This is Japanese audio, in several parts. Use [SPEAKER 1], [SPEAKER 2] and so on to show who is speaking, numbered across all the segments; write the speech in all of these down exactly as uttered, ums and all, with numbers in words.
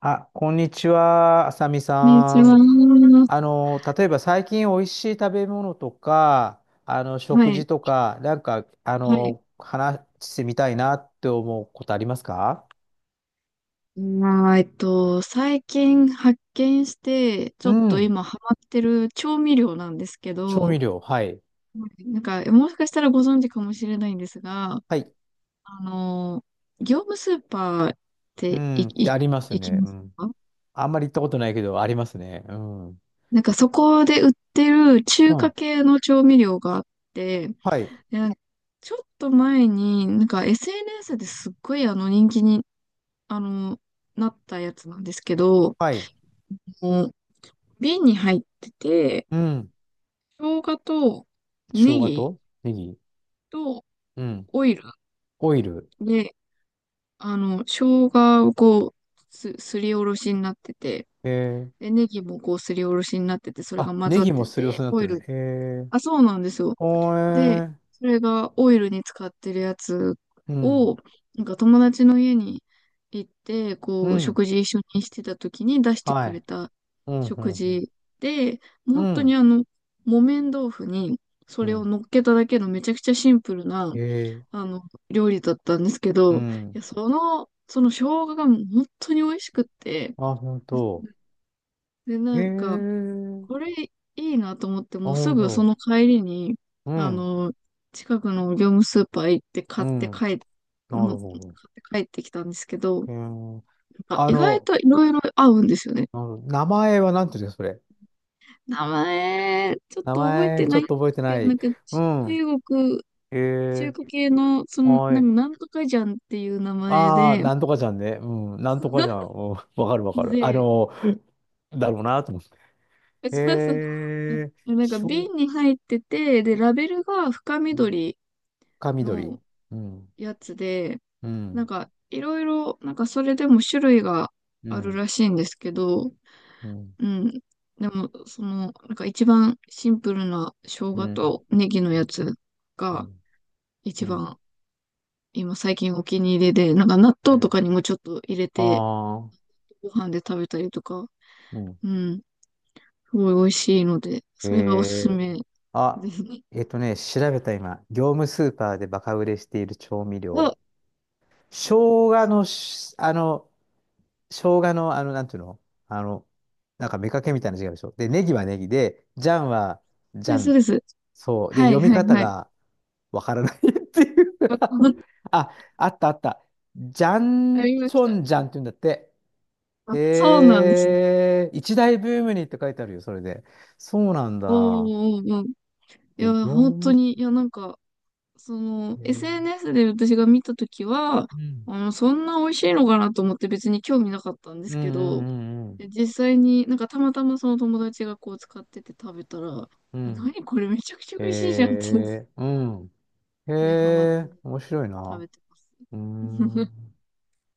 [SPEAKER 1] あ、こんにちは、あさみ
[SPEAKER 2] こんにち
[SPEAKER 1] さん。
[SPEAKER 2] は。
[SPEAKER 1] あの、例えば最近おいしい食べ物とか、あの、
[SPEAKER 2] は
[SPEAKER 1] 食
[SPEAKER 2] い。
[SPEAKER 1] 事とか、なんか、あ
[SPEAKER 2] はい。
[SPEAKER 1] の、話してみたいなって思うことありますか？
[SPEAKER 2] まあ、えっと、最近発見して、ちょ
[SPEAKER 1] う
[SPEAKER 2] っと
[SPEAKER 1] ん。
[SPEAKER 2] 今ハマってる調味料なんですけ
[SPEAKER 1] 調
[SPEAKER 2] ど、
[SPEAKER 1] 味料、はい。
[SPEAKER 2] なんか、もしかしたらご存知かもしれないんですが、
[SPEAKER 1] はい。
[SPEAKER 2] あの、業務スーパーっ
[SPEAKER 1] う
[SPEAKER 2] てい、
[SPEAKER 1] ん、って
[SPEAKER 2] い、
[SPEAKER 1] あります
[SPEAKER 2] 行き
[SPEAKER 1] ね。
[SPEAKER 2] ま
[SPEAKER 1] う
[SPEAKER 2] す
[SPEAKER 1] ん。
[SPEAKER 2] か？
[SPEAKER 1] あんまり行ったことないけど、ありますね。うん。う
[SPEAKER 2] なんかそこで売ってる中華
[SPEAKER 1] ん。
[SPEAKER 2] 系の調味料があって、
[SPEAKER 1] はい。
[SPEAKER 2] でなんかちょっと前に、なんか エスエヌエス ですっごいあの人気に、あの、なったやつなんですけど、
[SPEAKER 1] はい。
[SPEAKER 2] の瓶に入ってて、
[SPEAKER 1] うん。
[SPEAKER 2] 生姜と
[SPEAKER 1] 生
[SPEAKER 2] ネ
[SPEAKER 1] 姜
[SPEAKER 2] ギ
[SPEAKER 1] とネギ。
[SPEAKER 2] と
[SPEAKER 1] うん。
[SPEAKER 2] オイル
[SPEAKER 1] オイル。
[SPEAKER 2] で、あの、生姜をこう、す、すりおろしになってて、
[SPEAKER 1] えー。
[SPEAKER 2] で、ネギもこうすりおろしになってて、それが
[SPEAKER 1] あ、
[SPEAKER 2] 混
[SPEAKER 1] ネ
[SPEAKER 2] ざっ
[SPEAKER 1] ギも
[SPEAKER 2] て
[SPEAKER 1] すりおろ
[SPEAKER 2] て、
[SPEAKER 1] しになっ
[SPEAKER 2] オ
[SPEAKER 1] て
[SPEAKER 2] イ
[SPEAKER 1] る
[SPEAKER 2] ル。
[SPEAKER 1] ね。えー。
[SPEAKER 2] あ、そうなんですよ。
[SPEAKER 1] おー
[SPEAKER 2] で、
[SPEAKER 1] えー。
[SPEAKER 2] それがオイルに使ってるやつ
[SPEAKER 1] うん。
[SPEAKER 2] を、なんか友達の家に行って、
[SPEAKER 1] う
[SPEAKER 2] こう、
[SPEAKER 1] ん。
[SPEAKER 2] 食事一緒にしてた時に出して
[SPEAKER 1] は
[SPEAKER 2] く
[SPEAKER 1] い。
[SPEAKER 2] れた
[SPEAKER 1] うん、う
[SPEAKER 2] 食
[SPEAKER 1] ん、
[SPEAKER 2] 事で、
[SPEAKER 1] う
[SPEAKER 2] 本
[SPEAKER 1] ん。う
[SPEAKER 2] 当に
[SPEAKER 1] ん。
[SPEAKER 2] あの、木綿豆腐にそ
[SPEAKER 1] う
[SPEAKER 2] れを
[SPEAKER 1] ん。
[SPEAKER 2] 乗っけただけのめちゃくちゃシンプルな、
[SPEAKER 1] へえ。
[SPEAKER 2] あの、料理だったんですけ
[SPEAKER 1] う
[SPEAKER 2] ど、い
[SPEAKER 1] ん。
[SPEAKER 2] や、その、その生姜がもう本当に美味しくって、
[SPEAKER 1] あ、本当。
[SPEAKER 2] で、
[SPEAKER 1] へ
[SPEAKER 2] なんか、
[SPEAKER 1] え。
[SPEAKER 2] これいいなと思って、
[SPEAKER 1] あ、
[SPEAKER 2] もうす
[SPEAKER 1] 本
[SPEAKER 2] ぐそ
[SPEAKER 1] 当。
[SPEAKER 2] の帰りに、
[SPEAKER 1] う
[SPEAKER 2] あ
[SPEAKER 1] ん。
[SPEAKER 2] の、近くの業務スーパー行って
[SPEAKER 1] う
[SPEAKER 2] 買って帰
[SPEAKER 1] ん。
[SPEAKER 2] っ、
[SPEAKER 1] な
[SPEAKER 2] もう
[SPEAKER 1] る
[SPEAKER 2] 買
[SPEAKER 1] ほ
[SPEAKER 2] って帰ってきたんですけど、なん
[SPEAKER 1] ど。へえ。
[SPEAKER 2] か
[SPEAKER 1] あ
[SPEAKER 2] 意外
[SPEAKER 1] の、
[SPEAKER 2] といろいろ合うんですよね。
[SPEAKER 1] あの名前はなんていうんですか、それ？
[SPEAKER 2] 名前、ちょっ
[SPEAKER 1] 名
[SPEAKER 2] と覚えて
[SPEAKER 1] 前、ち
[SPEAKER 2] な
[SPEAKER 1] ょ
[SPEAKER 2] いん
[SPEAKER 1] っ
[SPEAKER 2] で
[SPEAKER 1] と
[SPEAKER 2] す
[SPEAKER 1] 覚えて
[SPEAKER 2] け
[SPEAKER 1] な
[SPEAKER 2] ど、な
[SPEAKER 1] い。
[SPEAKER 2] んか
[SPEAKER 1] う
[SPEAKER 2] ち
[SPEAKER 1] ん。
[SPEAKER 2] 中国、
[SPEAKER 1] へ
[SPEAKER 2] 中
[SPEAKER 1] え。
[SPEAKER 2] 華系の、その、
[SPEAKER 1] は
[SPEAKER 2] なん
[SPEAKER 1] い。
[SPEAKER 2] か、なんとかじゃんっていう名前
[SPEAKER 1] ああ、
[SPEAKER 2] で、
[SPEAKER 1] なんとかじゃんね。うん。なんとかじゃん。うん。わかるわ かる。あ
[SPEAKER 2] で、
[SPEAKER 1] の、だろうなと思って。
[SPEAKER 2] そうそう。
[SPEAKER 1] へえ。
[SPEAKER 2] なんか
[SPEAKER 1] しょ
[SPEAKER 2] 瓶
[SPEAKER 1] う、
[SPEAKER 2] に入ってて、で、ラベルが深緑
[SPEAKER 1] か緑。
[SPEAKER 2] の
[SPEAKER 1] うん。
[SPEAKER 2] やつで、
[SPEAKER 1] う
[SPEAKER 2] なん
[SPEAKER 1] ん。
[SPEAKER 2] か、いろいろ、なんかそれでも種類が
[SPEAKER 1] う
[SPEAKER 2] ある
[SPEAKER 1] ん。
[SPEAKER 2] らしいんですけど、
[SPEAKER 1] うん、
[SPEAKER 2] うん。でも、その、なんか一番シンプルな生
[SPEAKER 1] う
[SPEAKER 2] 姜
[SPEAKER 1] ん、
[SPEAKER 2] とネギ
[SPEAKER 1] う
[SPEAKER 2] のや
[SPEAKER 1] ん、
[SPEAKER 2] つ
[SPEAKER 1] う
[SPEAKER 2] が
[SPEAKER 1] ん。う
[SPEAKER 2] 一
[SPEAKER 1] ん。
[SPEAKER 2] 番今最近お気に入りで、なんか納
[SPEAKER 1] う
[SPEAKER 2] 豆と
[SPEAKER 1] ん。
[SPEAKER 2] かにもちょっと入れて
[SPEAKER 1] ああ、
[SPEAKER 2] ご飯で食べたりとか、
[SPEAKER 1] うん。
[SPEAKER 2] うん。すごい美味しいので、
[SPEAKER 1] え
[SPEAKER 2] それがおすす
[SPEAKER 1] え。
[SPEAKER 2] めで
[SPEAKER 1] あ、
[SPEAKER 2] すね。
[SPEAKER 1] えっとね、調べた今、業務スーパーでバカ売れしている調味
[SPEAKER 2] お、そ
[SPEAKER 1] 料。生姜のし、あの、生姜の、あの、なんていうの。あの、なんか、めかけみたいな字があるでしょ。で、ネギはネギで、ジャンは
[SPEAKER 2] う
[SPEAKER 1] ジ
[SPEAKER 2] で
[SPEAKER 1] ャ
[SPEAKER 2] す、そう
[SPEAKER 1] ン。
[SPEAKER 2] です。
[SPEAKER 1] そう。で、
[SPEAKER 2] はい、
[SPEAKER 1] 読み
[SPEAKER 2] はい、
[SPEAKER 1] 方
[SPEAKER 2] はい。
[SPEAKER 1] がわからない っていう。あ、あったあった。ジャ
[SPEAKER 2] あ
[SPEAKER 1] ン
[SPEAKER 2] りま
[SPEAKER 1] チ
[SPEAKER 2] し
[SPEAKER 1] ョ
[SPEAKER 2] た。
[SPEAKER 1] ンジャンって言うんだって。
[SPEAKER 2] あ、そうなんですね。
[SPEAKER 1] へえ、一大ブームにって書いてあるよ、それで。そうなん
[SPEAKER 2] おー
[SPEAKER 1] だ。
[SPEAKER 2] おーおー、い
[SPEAKER 1] で、
[SPEAKER 2] や、
[SPEAKER 1] 業
[SPEAKER 2] 本当
[SPEAKER 1] 務、
[SPEAKER 2] に、いや、なんか、その、
[SPEAKER 1] へえ、
[SPEAKER 2] エスエヌエス で私が見たときは、
[SPEAKER 1] うん。
[SPEAKER 2] あの、そんな美味しいのかなと思って別に興味なかったんです
[SPEAKER 1] うん
[SPEAKER 2] け
[SPEAKER 1] う
[SPEAKER 2] ど、
[SPEAKER 1] んうんうん。
[SPEAKER 2] で実際になんかたまたまその友達がこう使ってて食べたら、
[SPEAKER 1] うん。
[SPEAKER 2] 何これめちゃくちゃ
[SPEAKER 1] へ
[SPEAKER 2] 美味しいじゃんって、
[SPEAKER 1] え、うん。へ
[SPEAKER 2] で、ハマって
[SPEAKER 1] え、面白い
[SPEAKER 2] 食
[SPEAKER 1] な。
[SPEAKER 2] べてます。
[SPEAKER 1] うー ん。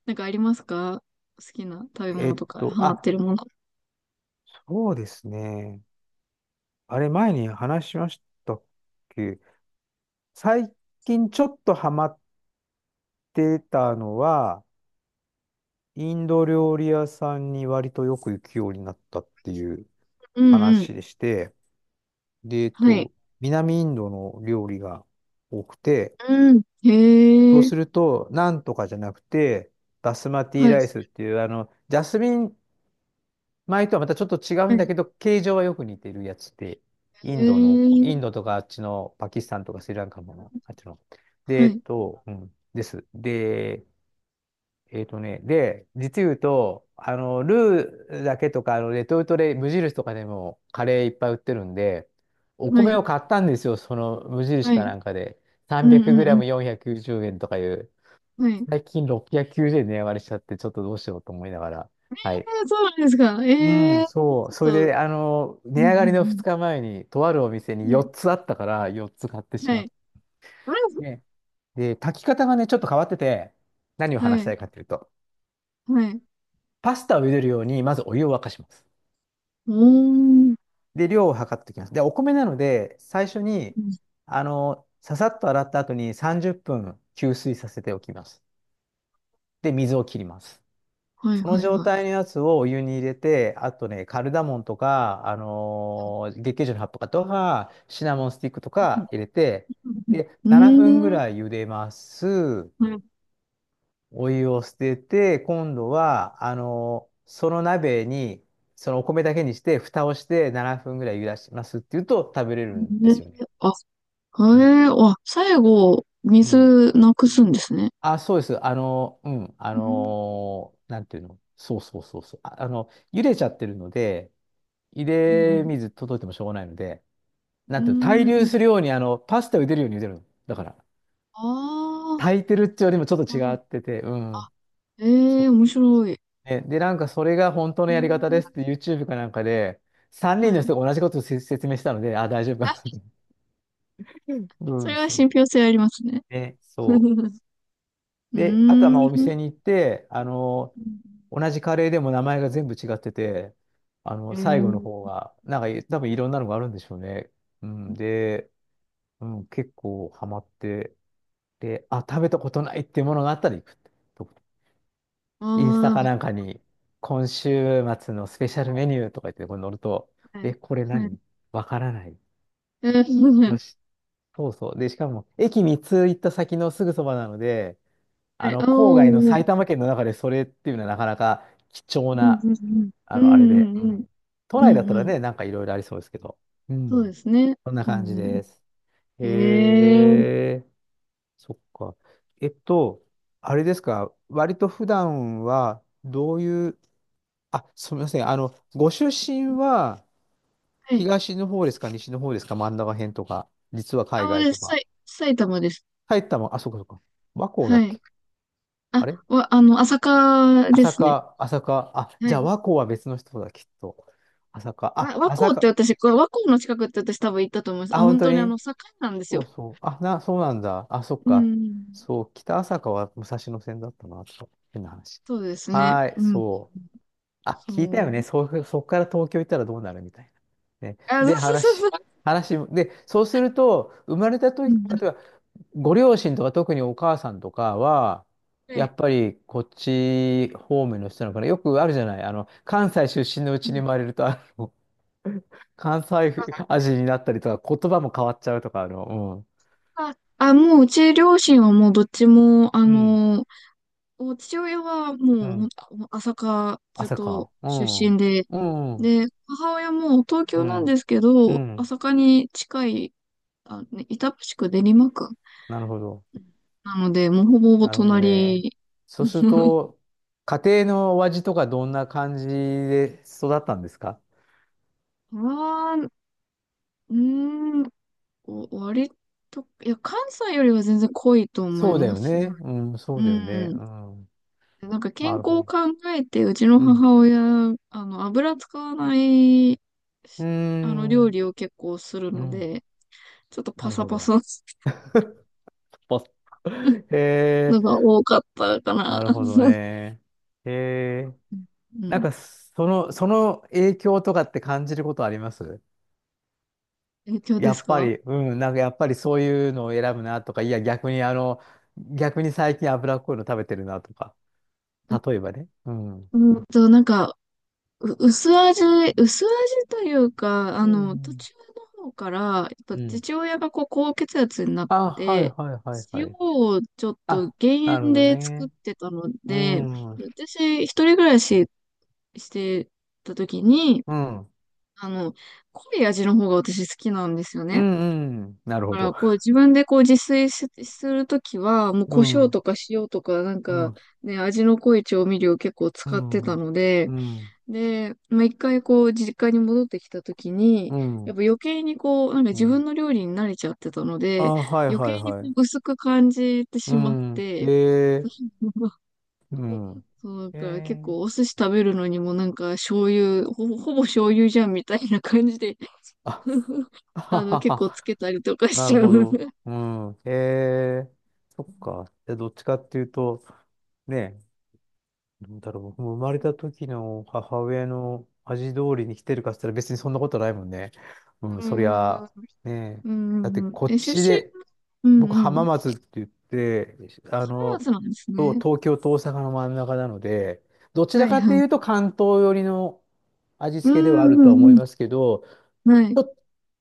[SPEAKER 2] なんかありますか？好きな食べ
[SPEAKER 1] え
[SPEAKER 2] 物
[SPEAKER 1] っ
[SPEAKER 2] とか、
[SPEAKER 1] と、
[SPEAKER 2] ハマっ
[SPEAKER 1] あ、
[SPEAKER 2] てるもの。
[SPEAKER 1] そうですね。あれ、前に話しましたっけ？最近ちょっとハマってたのは、インド料理屋さんに割とよく行くようになったっていう
[SPEAKER 2] うんうん。
[SPEAKER 1] 話でして、で、えっ
[SPEAKER 2] はい。
[SPEAKER 1] と、南インドの料理が多くて、
[SPEAKER 2] うん。
[SPEAKER 1] そ
[SPEAKER 2] へ
[SPEAKER 1] う
[SPEAKER 2] え。
[SPEAKER 1] すると、なんとかじゃなくて、バスマテ
[SPEAKER 2] は
[SPEAKER 1] ィ
[SPEAKER 2] い。
[SPEAKER 1] ライスっていう、あの、ジャスミン米とはまたちょっと違う
[SPEAKER 2] は
[SPEAKER 1] んだ
[SPEAKER 2] い。
[SPEAKER 1] けど、形状はよく似てるやつで、イ
[SPEAKER 2] へ
[SPEAKER 1] ンドの、イン
[SPEAKER 2] え。
[SPEAKER 1] ドとかあっちのパキスタンとかスリランカもの、あっちの。で、
[SPEAKER 2] は
[SPEAKER 1] えっ
[SPEAKER 2] い。
[SPEAKER 1] と、うん、です。で、えっとね、で、実言うと、あの、ルーだけとか、あの、レトルトで無印とかでもカレーいっぱい売ってるんで、お
[SPEAKER 2] は
[SPEAKER 1] 米
[SPEAKER 2] い。
[SPEAKER 1] を買ったんですよ、その無
[SPEAKER 2] は
[SPEAKER 1] 印か
[SPEAKER 2] い。
[SPEAKER 1] なんかで。
[SPEAKER 2] うんうんうん。
[SPEAKER 1] さんびゃくグラムよんひゃくきゅうじゅう 円とかいう、
[SPEAKER 2] はい。
[SPEAKER 1] 最近ろっぴゃくきゅうじゅうえん値上がりしちゃって、ちょっとどうしようと思いながら。はい。
[SPEAKER 2] えー、そうなんですか。
[SPEAKER 1] う
[SPEAKER 2] え
[SPEAKER 1] ん、
[SPEAKER 2] ー、
[SPEAKER 1] そ
[SPEAKER 2] ち
[SPEAKER 1] う。
[SPEAKER 2] ょっ
[SPEAKER 1] それ
[SPEAKER 2] と、
[SPEAKER 1] で、あの、
[SPEAKER 2] う
[SPEAKER 1] 値
[SPEAKER 2] ん
[SPEAKER 1] 上がりの
[SPEAKER 2] う
[SPEAKER 1] 2
[SPEAKER 2] ん
[SPEAKER 1] 日前に、とあるお店
[SPEAKER 2] うん。
[SPEAKER 1] に
[SPEAKER 2] はい、
[SPEAKER 1] よっつあったから、よっつ買ってし
[SPEAKER 2] は
[SPEAKER 1] まっ
[SPEAKER 2] い。うん、
[SPEAKER 1] て。で、炊き方がね、ちょっと変わってて、何を話
[SPEAKER 2] は
[SPEAKER 1] した
[SPEAKER 2] い、
[SPEAKER 1] いかというと、
[SPEAKER 2] はい。
[SPEAKER 1] パスタを茹でるように、まずお湯を沸かします。
[SPEAKER 2] おー、
[SPEAKER 1] で、量を測っておきます。で、お米なので、最初に、あの、ささっと洗った後にさんじゅっぷん吸水させておきます。で、水を切ります。
[SPEAKER 2] はい、
[SPEAKER 1] その
[SPEAKER 2] はい、
[SPEAKER 1] 状
[SPEAKER 2] は
[SPEAKER 1] 態
[SPEAKER 2] い。
[SPEAKER 1] のやつをお湯に入れて、あとね、カルダモンとか、あのー月桂樹の葉っぱとか、シナモンスティックとか入れて、で、
[SPEAKER 2] う
[SPEAKER 1] 7
[SPEAKER 2] ん、
[SPEAKER 1] 分ぐ
[SPEAKER 2] うーん、
[SPEAKER 1] らい茹でます。
[SPEAKER 2] はい。
[SPEAKER 1] お湯を捨てて、今度は、あの、その鍋に、そのお米だけにして、蓋をしてななふんぐらい茹でしますっていうと食べれるんで
[SPEAKER 2] ね、
[SPEAKER 1] すよね。
[SPEAKER 2] あ、
[SPEAKER 1] うん。
[SPEAKER 2] えー、あ、最後、
[SPEAKER 1] うん。
[SPEAKER 2] 水なくすんですね。
[SPEAKER 1] あ、そうです。あの、うん。あ
[SPEAKER 2] うん、
[SPEAKER 1] の、なんていうの。そうそうそうそう。あ、あの、茹でちゃってるので、茹
[SPEAKER 2] う
[SPEAKER 1] で
[SPEAKER 2] ん、
[SPEAKER 1] 水届いてもしょうがないので、な
[SPEAKER 2] う
[SPEAKER 1] んていうの、対
[SPEAKER 2] ん。う
[SPEAKER 1] 流
[SPEAKER 2] ー
[SPEAKER 1] す
[SPEAKER 2] ん、
[SPEAKER 1] るように、あの、パスタを茹でるように茹でるの。だから、
[SPEAKER 2] ああ、
[SPEAKER 1] 炊いてるっていうよりもちょっ
[SPEAKER 2] な
[SPEAKER 1] と
[SPEAKER 2] るほ
[SPEAKER 1] 違っ
[SPEAKER 2] ど。
[SPEAKER 1] てて、う
[SPEAKER 2] あ、
[SPEAKER 1] ん。
[SPEAKER 2] えー面白い。
[SPEAKER 1] ね、で、なんかそれが本当
[SPEAKER 2] う
[SPEAKER 1] のやり
[SPEAKER 2] ん、
[SPEAKER 1] 方ですって ユーチューブ かなんかで、さんにん
[SPEAKER 2] は
[SPEAKER 1] の
[SPEAKER 2] い。
[SPEAKER 1] 人が同じことをせ説明したので、あ、大丈夫か
[SPEAKER 2] あ、
[SPEAKER 1] なと。
[SPEAKER 2] そ
[SPEAKER 1] うん、
[SPEAKER 2] れは
[SPEAKER 1] そ
[SPEAKER 2] 信
[SPEAKER 1] う。
[SPEAKER 2] 憑性ありますね。
[SPEAKER 1] ね、
[SPEAKER 2] う
[SPEAKER 1] そ
[SPEAKER 2] ー
[SPEAKER 1] う。で、あとはまあお
[SPEAKER 2] ん。
[SPEAKER 1] 店に行って、あの、同じカレーでも名前が全部違ってて、あの、
[SPEAKER 2] う
[SPEAKER 1] 最後の方
[SPEAKER 2] ん、
[SPEAKER 1] が、なんかい多分いろんなのがあるんでしょうね。うん、で、うん、結構ハマって、で、あ、食べたことないっていうものがあったら行くって。インスタ
[SPEAKER 2] あ
[SPEAKER 1] か
[SPEAKER 2] あ、
[SPEAKER 1] なんかに、今週末のスペシャルメニューとか言って、これ載ると、
[SPEAKER 2] は
[SPEAKER 1] え、
[SPEAKER 2] い。
[SPEAKER 1] これ
[SPEAKER 2] はい。
[SPEAKER 1] 何、わからない。
[SPEAKER 2] え
[SPEAKER 1] よ
[SPEAKER 2] ー、
[SPEAKER 1] し、そうそう。で、しかも、駅みっつ行った先のすぐそばなので、
[SPEAKER 2] は
[SPEAKER 1] あ
[SPEAKER 2] い。あ
[SPEAKER 1] の、
[SPEAKER 2] あ、
[SPEAKER 1] 郊外の
[SPEAKER 2] も
[SPEAKER 1] 埼玉県の中でそれっていうのはなかなか貴重
[SPEAKER 2] う、うん
[SPEAKER 1] な、
[SPEAKER 2] うんうん。
[SPEAKER 1] あ
[SPEAKER 2] う
[SPEAKER 1] の、あれ
[SPEAKER 2] ん
[SPEAKER 1] で。う
[SPEAKER 2] うんう
[SPEAKER 1] ん。
[SPEAKER 2] ん。
[SPEAKER 1] 都
[SPEAKER 2] う
[SPEAKER 1] 内だった
[SPEAKER 2] ん
[SPEAKER 1] ら
[SPEAKER 2] うん。
[SPEAKER 1] ね、なんかいろいろありそうですけど。う
[SPEAKER 2] そうで
[SPEAKER 1] ん。
[SPEAKER 2] すね。
[SPEAKER 1] こんな
[SPEAKER 2] う
[SPEAKER 1] 感じ
[SPEAKER 2] ん
[SPEAKER 1] です。へ
[SPEAKER 2] うん。ええ、
[SPEAKER 1] え、そっか。えっと、あれですか、割と普段はどういうあ、すみません。あの、ご出身は
[SPEAKER 2] はい。
[SPEAKER 1] 東の方ですか、西の方ですか、真ん中辺とか、実は
[SPEAKER 2] あ、
[SPEAKER 1] 海
[SPEAKER 2] もう
[SPEAKER 1] 外
[SPEAKER 2] で
[SPEAKER 1] と
[SPEAKER 2] す。さ
[SPEAKER 1] か。
[SPEAKER 2] い、埼玉です。
[SPEAKER 1] 埼玉、あ、そうかそうか。和光だ
[SPEAKER 2] は
[SPEAKER 1] っ
[SPEAKER 2] い。
[SPEAKER 1] け。
[SPEAKER 2] あ、
[SPEAKER 1] あれ、
[SPEAKER 2] わ、あの、朝霞で
[SPEAKER 1] 朝
[SPEAKER 2] すね。
[SPEAKER 1] 霞、朝霞。あ、
[SPEAKER 2] は
[SPEAKER 1] じゃ
[SPEAKER 2] い。
[SPEAKER 1] あ和光は別の人だ、きっと。朝霞。
[SPEAKER 2] わ
[SPEAKER 1] あ、
[SPEAKER 2] 和光
[SPEAKER 1] 朝
[SPEAKER 2] って
[SPEAKER 1] 霞。
[SPEAKER 2] 私、これ和光の近くって私多分行ったと思います。
[SPEAKER 1] あ、
[SPEAKER 2] あ、
[SPEAKER 1] 本
[SPEAKER 2] 本
[SPEAKER 1] 当
[SPEAKER 2] 当にあ
[SPEAKER 1] に、
[SPEAKER 2] の、境なんです
[SPEAKER 1] そ
[SPEAKER 2] よ。
[SPEAKER 1] うそう。あ、な、そうなんだ。あ、そっ
[SPEAKER 2] う
[SPEAKER 1] か。
[SPEAKER 2] ん。
[SPEAKER 1] そう、北朝霞は武蔵野線だったな、と。変な話。
[SPEAKER 2] そうですね。
[SPEAKER 1] はい、
[SPEAKER 2] うん。
[SPEAKER 1] そう。あ、聞いた
[SPEAKER 2] そ
[SPEAKER 1] よね。
[SPEAKER 2] う。
[SPEAKER 1] そう、そこから東京行ったらどうなるみたいな。ね。
[SPEAKER 2] あ、そ
[SPEAKER 1] で、
[SPEAKER 2] うそうそ
[SPEAKER 1] 話、
[SPEAKER 2] うそ
[SPEAKER 1] 話、も、で、そうすると、生まれた
[SPEAKER 2] う。う
[SPEAKER 1] 時、例え
[SPEAKER 2] ん。
[SPEAKER 1] ば、ご両親とか特にお母さんとかは、
[SPEAKER 2] は
[SPEAKER 1] や
[SPEAKER 2] い。
[SPEAKER 1] っぱりこっち方面の人なのかな。よくあるじゃない。あの、関西出身のう
[SPEAKER 2] う
[SPEAKER 1] ちに
[SPEAKER 2] ん。
[SPEAKER 1] 生まれると、あの、関西味になったりとか、言葉も変わっちゃうとか、あの、
[SPEAKER 2] あ、あもう、うち両親はもうどっちも、あ
[SPEAKER 1] うん。
[SPEAKER 2] の、お父親は
[SPEAKER 1] う
[SPEAKER 2] も
[SPEAKER 1] ん。
[SPEAKER 2] う
[SPEAKER 1] う
[SPEAKER 2] ほん
[SPEAKER 1] ん。
[SPEAKER 2] と朝霞ずっ
[SPEAKER 1] 朝
[SPEAKER 2] と
[SPEAKER 1] か。う
[SPEAKER 2] 出身
[SPEAKER 1] ん。
[SPEAKER 2] で、
[SPEAKER 1] うん。
[SPEAKER 2] で、母親も東
[SPEAKER 1] う
[SPEAKER 2] 京なんで
[SPEAKER 1] ん。
[SPEAKER 2] すけ
[SPEAKER 1] う
[SPEAKER 2] ど、
[SPEAKER 1] ん。
[SPEAKER 2] 朝霞に近い、あ、ね、板橋区練馬区
[SPEAKER 1] なるほど。
[SPEAKER 2] なので、もうほぼほぼ
[SPEAKER 1] なるほどね。
[SPEAKER 2] 隣。
[SPEAKER 1] そうする と、家庭のお味とかどんな感じで育ったんですか？
[SPEAKER 2] は、うーん、お割と、いや、関西よりは全然濃いと思い
[SPEAKER 1] そうだ
[SPEAKER 2] ま
[SPEAKER 1] よ
[SPEAKER 2] すね。
[SPEAKER 1] ね。うん、そ
[SPEAKER 2] う
[SPEAKER 1] うだよね。
[SPEAKER 2] ん。
[SPEAKER 1] うん。
[SPEAKER 2] なんか健
[SPEAKER 1] なる
[SPEAKER 2] 康
[SPEAKER 1] ほ
[SPEAKER 2] を
[SPEAKER 1] ど。
[SPEAKER 2] 考えて、うちの
[SPEAKER 1] うん。
[SPEAKER 2] 母親、あの、油使わない、
[SPEAKER 1] うー
[SPEAKER 2] あの、料
[SPEAKER 1] ん。
[SPEAKER 2] 理を結構する
[SPEAKER 1] う
[SPEAKER 2] の
[SPEAKER 1] ん。
[SPEAKER 2] で、ちょっと
[SPEAKER 1] な
[SPEAKER 2] パ
[SPEAKER 1] る
[SPEAKER 2] サ
[SPEAKER 1] ほ
[SPEAKER 2] パ
[SPEAKER 1] ど。
[SPEAKER 2] サす
[SPEAKER 1] ポ
[SPEAKER 2] る
[SPEAKER 1] ッ、へえ、
[SPEAKER 2] のが多かったか
[SPEAKER 1] な
[SPEAKER 2] な。
[SPEAKER 1] るほどね。へえ、
[SPEAKER 2] う
[SPEAKER 1] なん
[SPEAKER 2] ん。
[SPEAKER 1] か、その、その影響とかって感じることあります？
[SPEAKER 2] 影響で
[SPEAKER 1] や
[SPEAKER 2] す
[SPEAKER 1] っぱ
[SPEAKER 2] か？
[SPEAKER 1] り、うん、なんかやっぱりそういうのを選ぶなとか、いや、逆にあの、逆に最近脂っこいの食べてるなとか。例え ばね。うん。
[SPEAKER 2] うんと、なんか、う薄味、薄味というか、あ
[SPEAKER 1] う
[SPEAKER 2] の、途
[SPEAKER 1] ん。
[SPEAKER 2] 中の方から、やっぱ
[SPEAKER 1] うん。
[SPEAKER 2] 父親がこう、高血圧になっ
[SPEAKER 1] あ、はい
[SPEAKER 2] て、
[SPEAKER 1] はいはいは
[SPEAKER 2] 塩
[SPEAKER 1] い。
[SPEAKER 2] をちょっと
[SPEAKER 1] あ、
[SPEAKER 2] 減
[SPEAKER 1] なるほ
[SPEAKER 2] 塩
[SPEAKER 1] ど
[SPEAKER 2] で作っ
[SPEAKER 1] ね。
[SPEAKER 2] てたの
[SPEAKER 1] う
[SPEAKER 2] で、
[SPEAKER 1] ん。うん。
[SPEAKER 2] 私、一人暮らししてた時に、
[SPEAKER 1] うん
[SPEAKER 2] あの、濃い味の方が私好きなんですよ
[SPEAKER 1] う
[SPEAKER 2] ね。
[SPEAKER 1] ん。なる
[SPEAKER 2] だ
[SPEAKER 1] ほ
[SPEAKER 2] か
[SPEAKER 1] ど。
[SPEAKER 2] ら、こう自分でこう自炊しするときは、もう
[SPEAKER 1] う
[SPEAKER 2] 胡
[SPEAKER 1] ん。
[SPEAKER 2] 椒
[SPEAKER 1] う
[SPEAKER 2] とか塩とか、なんか
[SPEAKER 1] ん。
[SPEAKER 2] ね、味の濃い調味料結構
[SPEAKER 1] う
[SPEAKER 2] 使ってた
[SPEAKER 1] ん。
[SPEAKER 2] ので、
[SPEAKER 1] うん。
[SPEAKER 2] で、まあ、一回こう実家に戻ってきたときに、
[SPEAKER 1] う
[SPEAKER 2] や
[SPEAKER 1] ん。
[SPEAKER 2] っぱ余計にこう、なんか
[SPEAKER 1] う
[SPEAKER 2] 自分
[SPEAKER 1] ん。
[SPEAKER 2] の料理に慣れちゃってたの
[SPEAKER 1] あ、
[SPEAKER 2] で、
[SPEAKER 1] はい
[SPEAKER 2] 余
[SPEAKER 1] はい
[SPEAKER 2] 計にこ
[SPEAKER 1] はい。
[SPEAKER 2] う薄く感じて
[SPEAKER 1] う
[SPEAKER 2] しまっ
[SPEAKER 1] ん。
[SPEAKER 2] て、
[SPEAKER 1] ええ。うん。
[SPEAKER 2] そう、なんか結
[SPEAKER 1] え
[SPEAKER 2] 構お
[SPEAKER 1] え。
[SPEAKER 2] 寿司食べるのにもなんか醤油、ほぼ、ほぼ醤油じゃんみたいな感じで
[SPEAKER 1] あ、あは
[SPEAKER 2] あの、結
[SPEAKER 1] は
[SPEAKER 2] 構つ
[SPEAKER 1] は。
[SPEAKER 2] けたりとかし
[SPEAKER 1] な
[SPEAKER 2] ち
[SPEAKER 1] る
[SPEAKER 2] ゃ
[SPEAKER 1] ほ
[SPEAKER 2] う。
[SPEAKER 1] ど。うん。ええ。そっか。で、どっちかっていうと、ね、どうだろう。僕も生まれた時の母親の味通りに来てるかって言ったら別にそんなことないもんね。うん、
[SPEAKER 2] う
[SPEAKER 1] そり
[SPEAKER 2] ん。うん
[SPEAKER 1] ゃ、ねえ。
[SPEAKER 2] う
[SPEAKER 1] だって
[SPEAKER 2] んうん。
[SPEAKER 1] こっ
[SPEAKER 2] え、出
[SPEAKER 1] ち
[SPEAKER 2] 身、
[SPEAKER 1] で、
[SPEAKER 2] うん
[SPEAKER 1] 僕
[SPEAKER 2] う
[SPEAKER 1] 浜
[SPEAKER 2] ん。
[SPEAKER 1] 松って言って、あ
[SPEAKER 2] 浜
[SPEAKER 1] の、
[SPEAKER 2] 松なんです
[SPEAKER 1] と
[SPEAKER 2] ね。
[SPEAKER 1] 東京と大阪の真ん中なので、どち
[SPEAKER 2] は
[SPEAKER 1] ら
[SPEAKER 2] い
[SPEAKER 1] かと
[SPEAKER 2] は
[SPEAKER 1] いうと
[SPEAKER 2] い。
[SPEAKER 1] 関東寄りの味
[SPEAKER 2] う
[SPEAKER 1] 付けでは
[SPEAKER 2] ん
[SPEAKER 1] ある
[SPEAKER 2] う
[SPEAKER 1] とは思い
[SPEAKER 2] んう
[SPEAKER 1] ますけど、
[SPEAKER 2] ん。はい。
[SPEAKER 1] ちょっ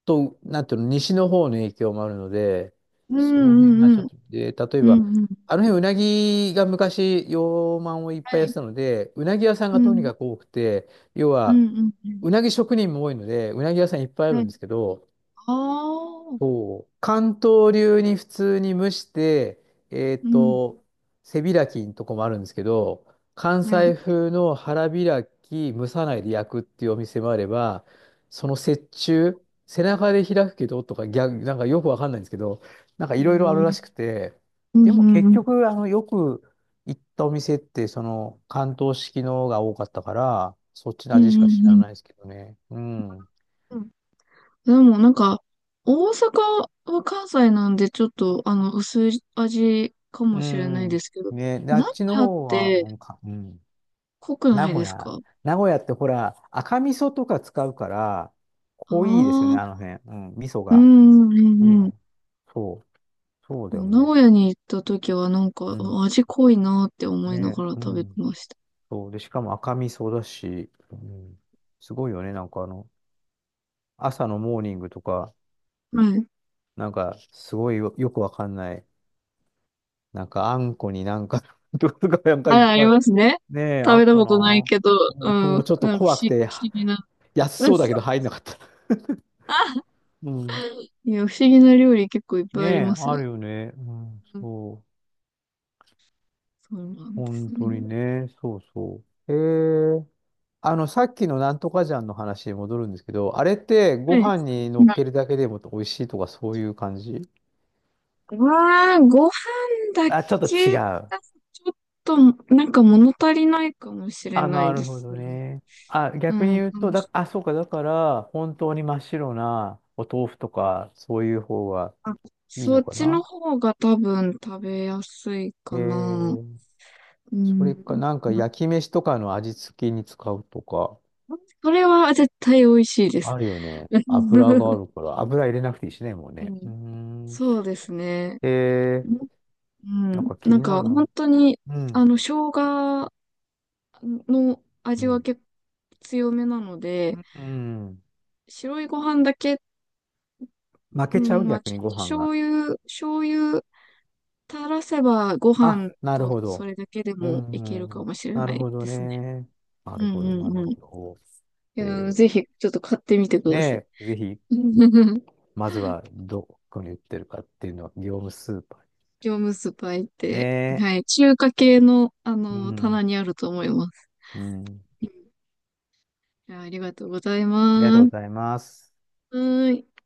[SPEAKER 1] と、なんていうの、西の方の影響もあるので、
[SPEAKER 2] う
[SPEAKER 1] その辺がち
[SPEAKER 2] ん
[SPEAKER 1] ょ
[SPEAKER 2] うんう
[SPEAKER 1] っ
[SPEAKER 2] ん。
[SPEAKER 1] と、で、例え
[SPEAKER 2] う
[SPEAKER 1] ば、
[SPEAKER 2] んうん。
[SPEAKER 1] あの辺、うなぎが昔、養鰻をいっ
[SPEAKER 2] は
[SPEAKER 1] ぱいやっ
[SPEAKER 2] い。
[SPEAKER 1] てたので、うなぎ屋さん
[SPEAKER 2] う
[SPEAKER 1] がとに
[SPEAKER 2] ん
[SPEAKER 1] かく多くて、要
[SPEAKER 2] う
[SPEAKER 1] は、
[SPEAKER 2] んうんうん。
[SPEAKER 1] うなぎ職人も多いので、うなぎ屋さんいっぱいあ
[SPEAKER 2] は
[SPEAKER 1] る
[SPEAKER 2] い。
[SPEAKER 1] んですけど、
[SPEAKER 2] ああ。
[SPEAKER 1] そう。関東流に普通に蒸して、えっ
[SPEAKER 2] うん。
[SPEAKER 1] と、背開きのとこもあるんですけど、関
[SPEAKER 2] は
[SPEAKER 1] 西
[SPEAKER 2] い。
[SPEAKER 1] 風の腹開き、蒸さないで焼くっていうお店もあれば、その折衷、背中で開くけどとか、逆、なんかよくわかんないんですけど、なんか
[SPEAKER 2] う
[SPEAKER 1] い
[SPEAKER 2] ん
[SPEAKER 1] ろい
[SPEAKER 2] う
[SPEAKER 1] ろあ
[SPEAKER 2] んう
[SPEAKER 1] るらし
[SPEAKER 2] ん。
[SPEAKER 1] くて、
[SPEAKER 2] うん
[SPEAKER 1] で
[SPEAKER 2] う
[SPEAKER 1] も
[SPEAKER 2] んう
[SPEAKER 1] 結
[SPEAKER 2] ん。
[SPEAKER 1] 局、あの、よく行ったお店って、その、関東式のが多かったから、そっち
[SPEAKER 2] う
[SPEAKER 1] の味し
[SPEAKER 2] ん
[SPEAKER 1] か知
[SPEAKER 2] う
[SPEAKER 1] らないです
[SPEAKER 2] ん
[SPEAKER 1] けどね。うん。
[SPEAKER 2] うん。でもなんか、大阪は関西なんでちょっと、あの、薄い味か
[SPEAKER 1] う
[SPEAKER 2] もしれないで
[SPEAKER 1] ん。
[SPEAKER 2] すけど、
[SPEAKER 1] ね、で、あ
[SPEAKER 2] 名
[SPEAKER 1] っ
[SPEAKER 2] 古
[SPEAKER 1] ちの
[SPEAKER 2] 屋っ
[SPEAKER 1] 方は、
[SPEAKER 2] て
[SPEAKER 1] うん、か、うん。
[SPEAKER 2] 濃く
[SPEAKER 1] 名
[SPEAKER 2] ないで
[SPEAKER 1] 古
[SPEAKER 2] す
[SPEAKER 1] 屋。
[SPEAKER 2] か？
[SPEAKER 1] 名古屋ってほら、赤味噌とか使うから、
[SPEAKER 2] あ
[SPEAKER 1] 濃いですよ
[SPEAKER 2] あ
[SPEAKER 1] ね、あの
[SPEAKER 2] ー、
[SPEAKER 1] 辺。うん、味噌
[SPEAKER 2] う
[SPEAKER 1] が。
[SPEAKER 2] んう
[SPEAKER 1] う
[SPEAKER 2] んうん
[SPEAKER 1] ん。そう。そうだ
[SPEAKER 2] う
[SPEAKER 1] よ
[SPEAKER 2] ん。名
[SPEAKER 1] ね。
[SPEAKER 2] 古屋に行った時はなんか、
[SPEAKER 1] う
[SPEAKER 2] あ、
[SPEAKER 1] ん。
[SPEAKER 2] 味濃いなって思いなが
[SPEAKER 1] ね、
[SPEAKER 2] ら
[SPEAKER 1] う
[SPEAKER 2] 食べて
[SPEAKER 1] ん。
[SPEAKER 2] ました。
[SPEAKER 1] そう。で、しかも赤味噌だし、うん。すごいよね、なんかあの、朝のモーニングとか、
[SPEAKER 2] はい。
[SPEAKER 1] なんか、すごいよ、よくわかんない。なんか、あんこになんか とか、なんか
[SPEAKER 2] は
[SPEAKER 1] い
[SPEAKER 2] い、
[SPEAKER 1] っ
[SPEAKER 2] あり
[SPEAKER 1] ぱい。
[SPEAKER 2] ますね。
[SPEAKER 1] ねえ、
[SPEAKER 2] 食
[SPEAKER 1] あ
[SPEAKER 2] べ
[SPEAKER 1] っ
[SPEAKER 2] た
[SPEAKER 1] た
[SPEAKER 2] ことない
[SPEAKER 1] な。
[SPEAKER 2] けど、うん、
[SPEAKER 1] 僕
[SPEAKER 2] なん
[SPEAKER 1] も
[SPEAKER 2] か
[SPEAKER 1] ちょっ
[SPEAKER 2] 不
[SPEAKER 1] と
[SPEAKER 2] 思
[SPEAKER 1] 怖く
[SPEAKER 2] 議、
[SPEAKER 1] て、
[SPEAKER 2] 不思議な。
[SPEAKER 1] 安
[SPEAKER 2] うん、
[SPEAKER 1] そうだけど入んなかった。
[SPEAKER 2] あ、
[SPEAKER 1] うん。
[SPEAKER 2] いや、不思議な料理結構いっぱ
[SPEAKER 1] ね
[SPEAKER 2] いありま
[SPEAKER 1] え、
[SPEAKER 2] す
[SPEAKER 1] あ
[SPEAKER 2] よね。
[SPEAKER 1] るよね。うん、
[SPEAKER 2] うん、
[SPEAKER 1] そう。
[SPEAKER 2] そうなんです
[SPEAKER 1] 本
[SPEAKER 2] ね。
[SPEAKER 1] 当にね。そうそう。えーあの、さっきのなんとかじゃんの話に戻るんですけど、あれって
[SPEAKER 2] は
[SPEAKER 1] ご
[SPEAKER 2] い。
[SPEAKER 1] 飯に乗っけるだけでも美味しいとかそういう感じ？
[SPEAKER 2] わー、ご飯だ
[SPEAKER 1] あ、ちょっと違
[SPEAKER 2] け
[SPEAKER 1] う。
[SPEAKER 2] だとちょっと、なんか物足りないかもしれ
[SPEAKER 1] あ、
[SPEAKER 2] な
[SPEAKER 1] な
[SPEAKER 2] いで
[SPEAKER 1] るほ
[SPEAKER 2] す
[SPEAKER 1] ど
[SPEAKER 2] ね。
[SPEAKER 1] ね。あ、
[SPEAKER 2] う
[SPEAKER 1] 逆に
[SPEAKER 2] ん。
[SPEAKER 1] 言うと、だ、あ、そうか、だから、本当に真っ白なお豆腐とか、そういう方が
[SPEAKER 2] あ、
[SPEAKER 1] いい
[SPEAKER 2] そ
[SPEAKER 1] の
[SPEAKER 2] っ
[SPEAKER 1] か
[SPEAKER 2] ちの
[SPEAKER 1] な。
[SPEAKER 2] 方が多分食べやすい
[SPEAKER 1] え
[SPEAKER 2] かな。
[SPEAKER 1] え。
[SPEAKER 2] う
[SPEAKER 1] それか、
[SPEAKER 2] ん。
[SPEAKER 1] なんか焼き飯とかの味付けに使うとか。
[SPEAKER 2] それは絶対美味しいです。
[SPEAKER 1] あるよね。油があ るから、油入れなくていいしね、もう
[SPEAKER 2] う
[SPEAKER 1] ね。うー
[SPEAKER 2] ん。
[SPEAKER 1] ん。
[SPEAKER 2] そうですね。
[SPEAKER 1] えー、
[SPEAKER 2] う
[SPEAKER 1] なんか
[SPEAKER 2] ん。
[SPEAKER 1] 気
[SPEAKER 2] なん
[SPEAKER 1] にな
[SPEAKER 2] か
[SPEAKER 1] る
[SPEAKER 2] 本
[SPEAKER 1] な。
[SPEAKER 2] 当に、
[SPEAKER 1] うん。
[SPEAKER 2] あの、生姜の
[SPEAKER 1] う
[SPEAKER 2] 味は
[SPEAKER 1] ん。
[SPEAKER 2] 結構強めなので、
[SPEAKER 1] うん。
[SPEAKER 2] 白いご飯だけ、
[SPEAKER 1] 負
[SPEAKER 2] う
[SPEAKER 1] けちゃ
[SPEAKER 2] ん、
[SPEAKER 1] う、
[SPEAKER 2] まあ
[SPEAKER 1] 逆
[SPEAKER 2] ちょ
[SPEAKER 1] に
[SPEAKER 2] っ
[SPEAKER 1] ご
[SPEAKER 2] と
[SPEAKER 1] 飯が。
[SPEAKER 2] 醤油、醤油垂らせばご
[SPEAKER 1] あ、
[SPEAKER 2] 飯
[SPEAKER 1] なる
[SPEAKER 2] と
[SPEAKER 1] ほ
[SPEAKER 2] そ
[SPEAKER 1] ど。
[SPEAKER 2] れだけで
[SPEAKER 1] う
[SPEAKER 2] もいける
[SPEAKER 1] ん。う
[SPEAKER 2] か
[SPEAKER 1] ん。
[SPEAKER 2] もしれ
[SPEAKER 1] な
[SPEAKER 2] な
[SPEAKER 1] る
[SPEAKER 2] い
[SPEAKER 1] ほど
[SPEAKER 2] ですね。
[SPEAKER 1] ね。な
[SPEAKER 2] う
[SPEAKER 1] るほど、
[SPEAKER 2] ん
[SPEAKER 1] な
[SPEAKER 2] うん
[SPEAKER 1] る
[SPEAKER 2] うん。
[SPEAKER 1] ほ
[SPEAKER 2] い
[SPEAKER 1] ど。え
[SPEAKER 2] や、ぜ
[SPEAKER 1] ー、
[SPEAKER 2] ひちょっと買ってみてください。
[SPEAKER 1] ねえ、ぜひ、まずはどこに売ってるかっていうのは、業務スーパーに。
[SPEAKER 2] 業務スーパー行っ
[SPEAKER 1] ね
[SPEAKER 2] て、
[SPEAKER 1] え。
[SPEAKER 2] はい、中華系の、あ
[SPEAKER 1] う
[SPEAKER 2] の、
[SPEAKER 1] ん。
[SPEAKER 2] 棚にあると思います。
[SPEAKER 1] うん。
[SPEAKER 2] いや、ありがとうござい
[SPEAKER 1] ありがとう
[SPEAKER 2] ま
[SPEAKER 1] ご
[SPEAKER 2] す。
[SPEAKER 1] ざいます。
[SPEAKER 2] はーい。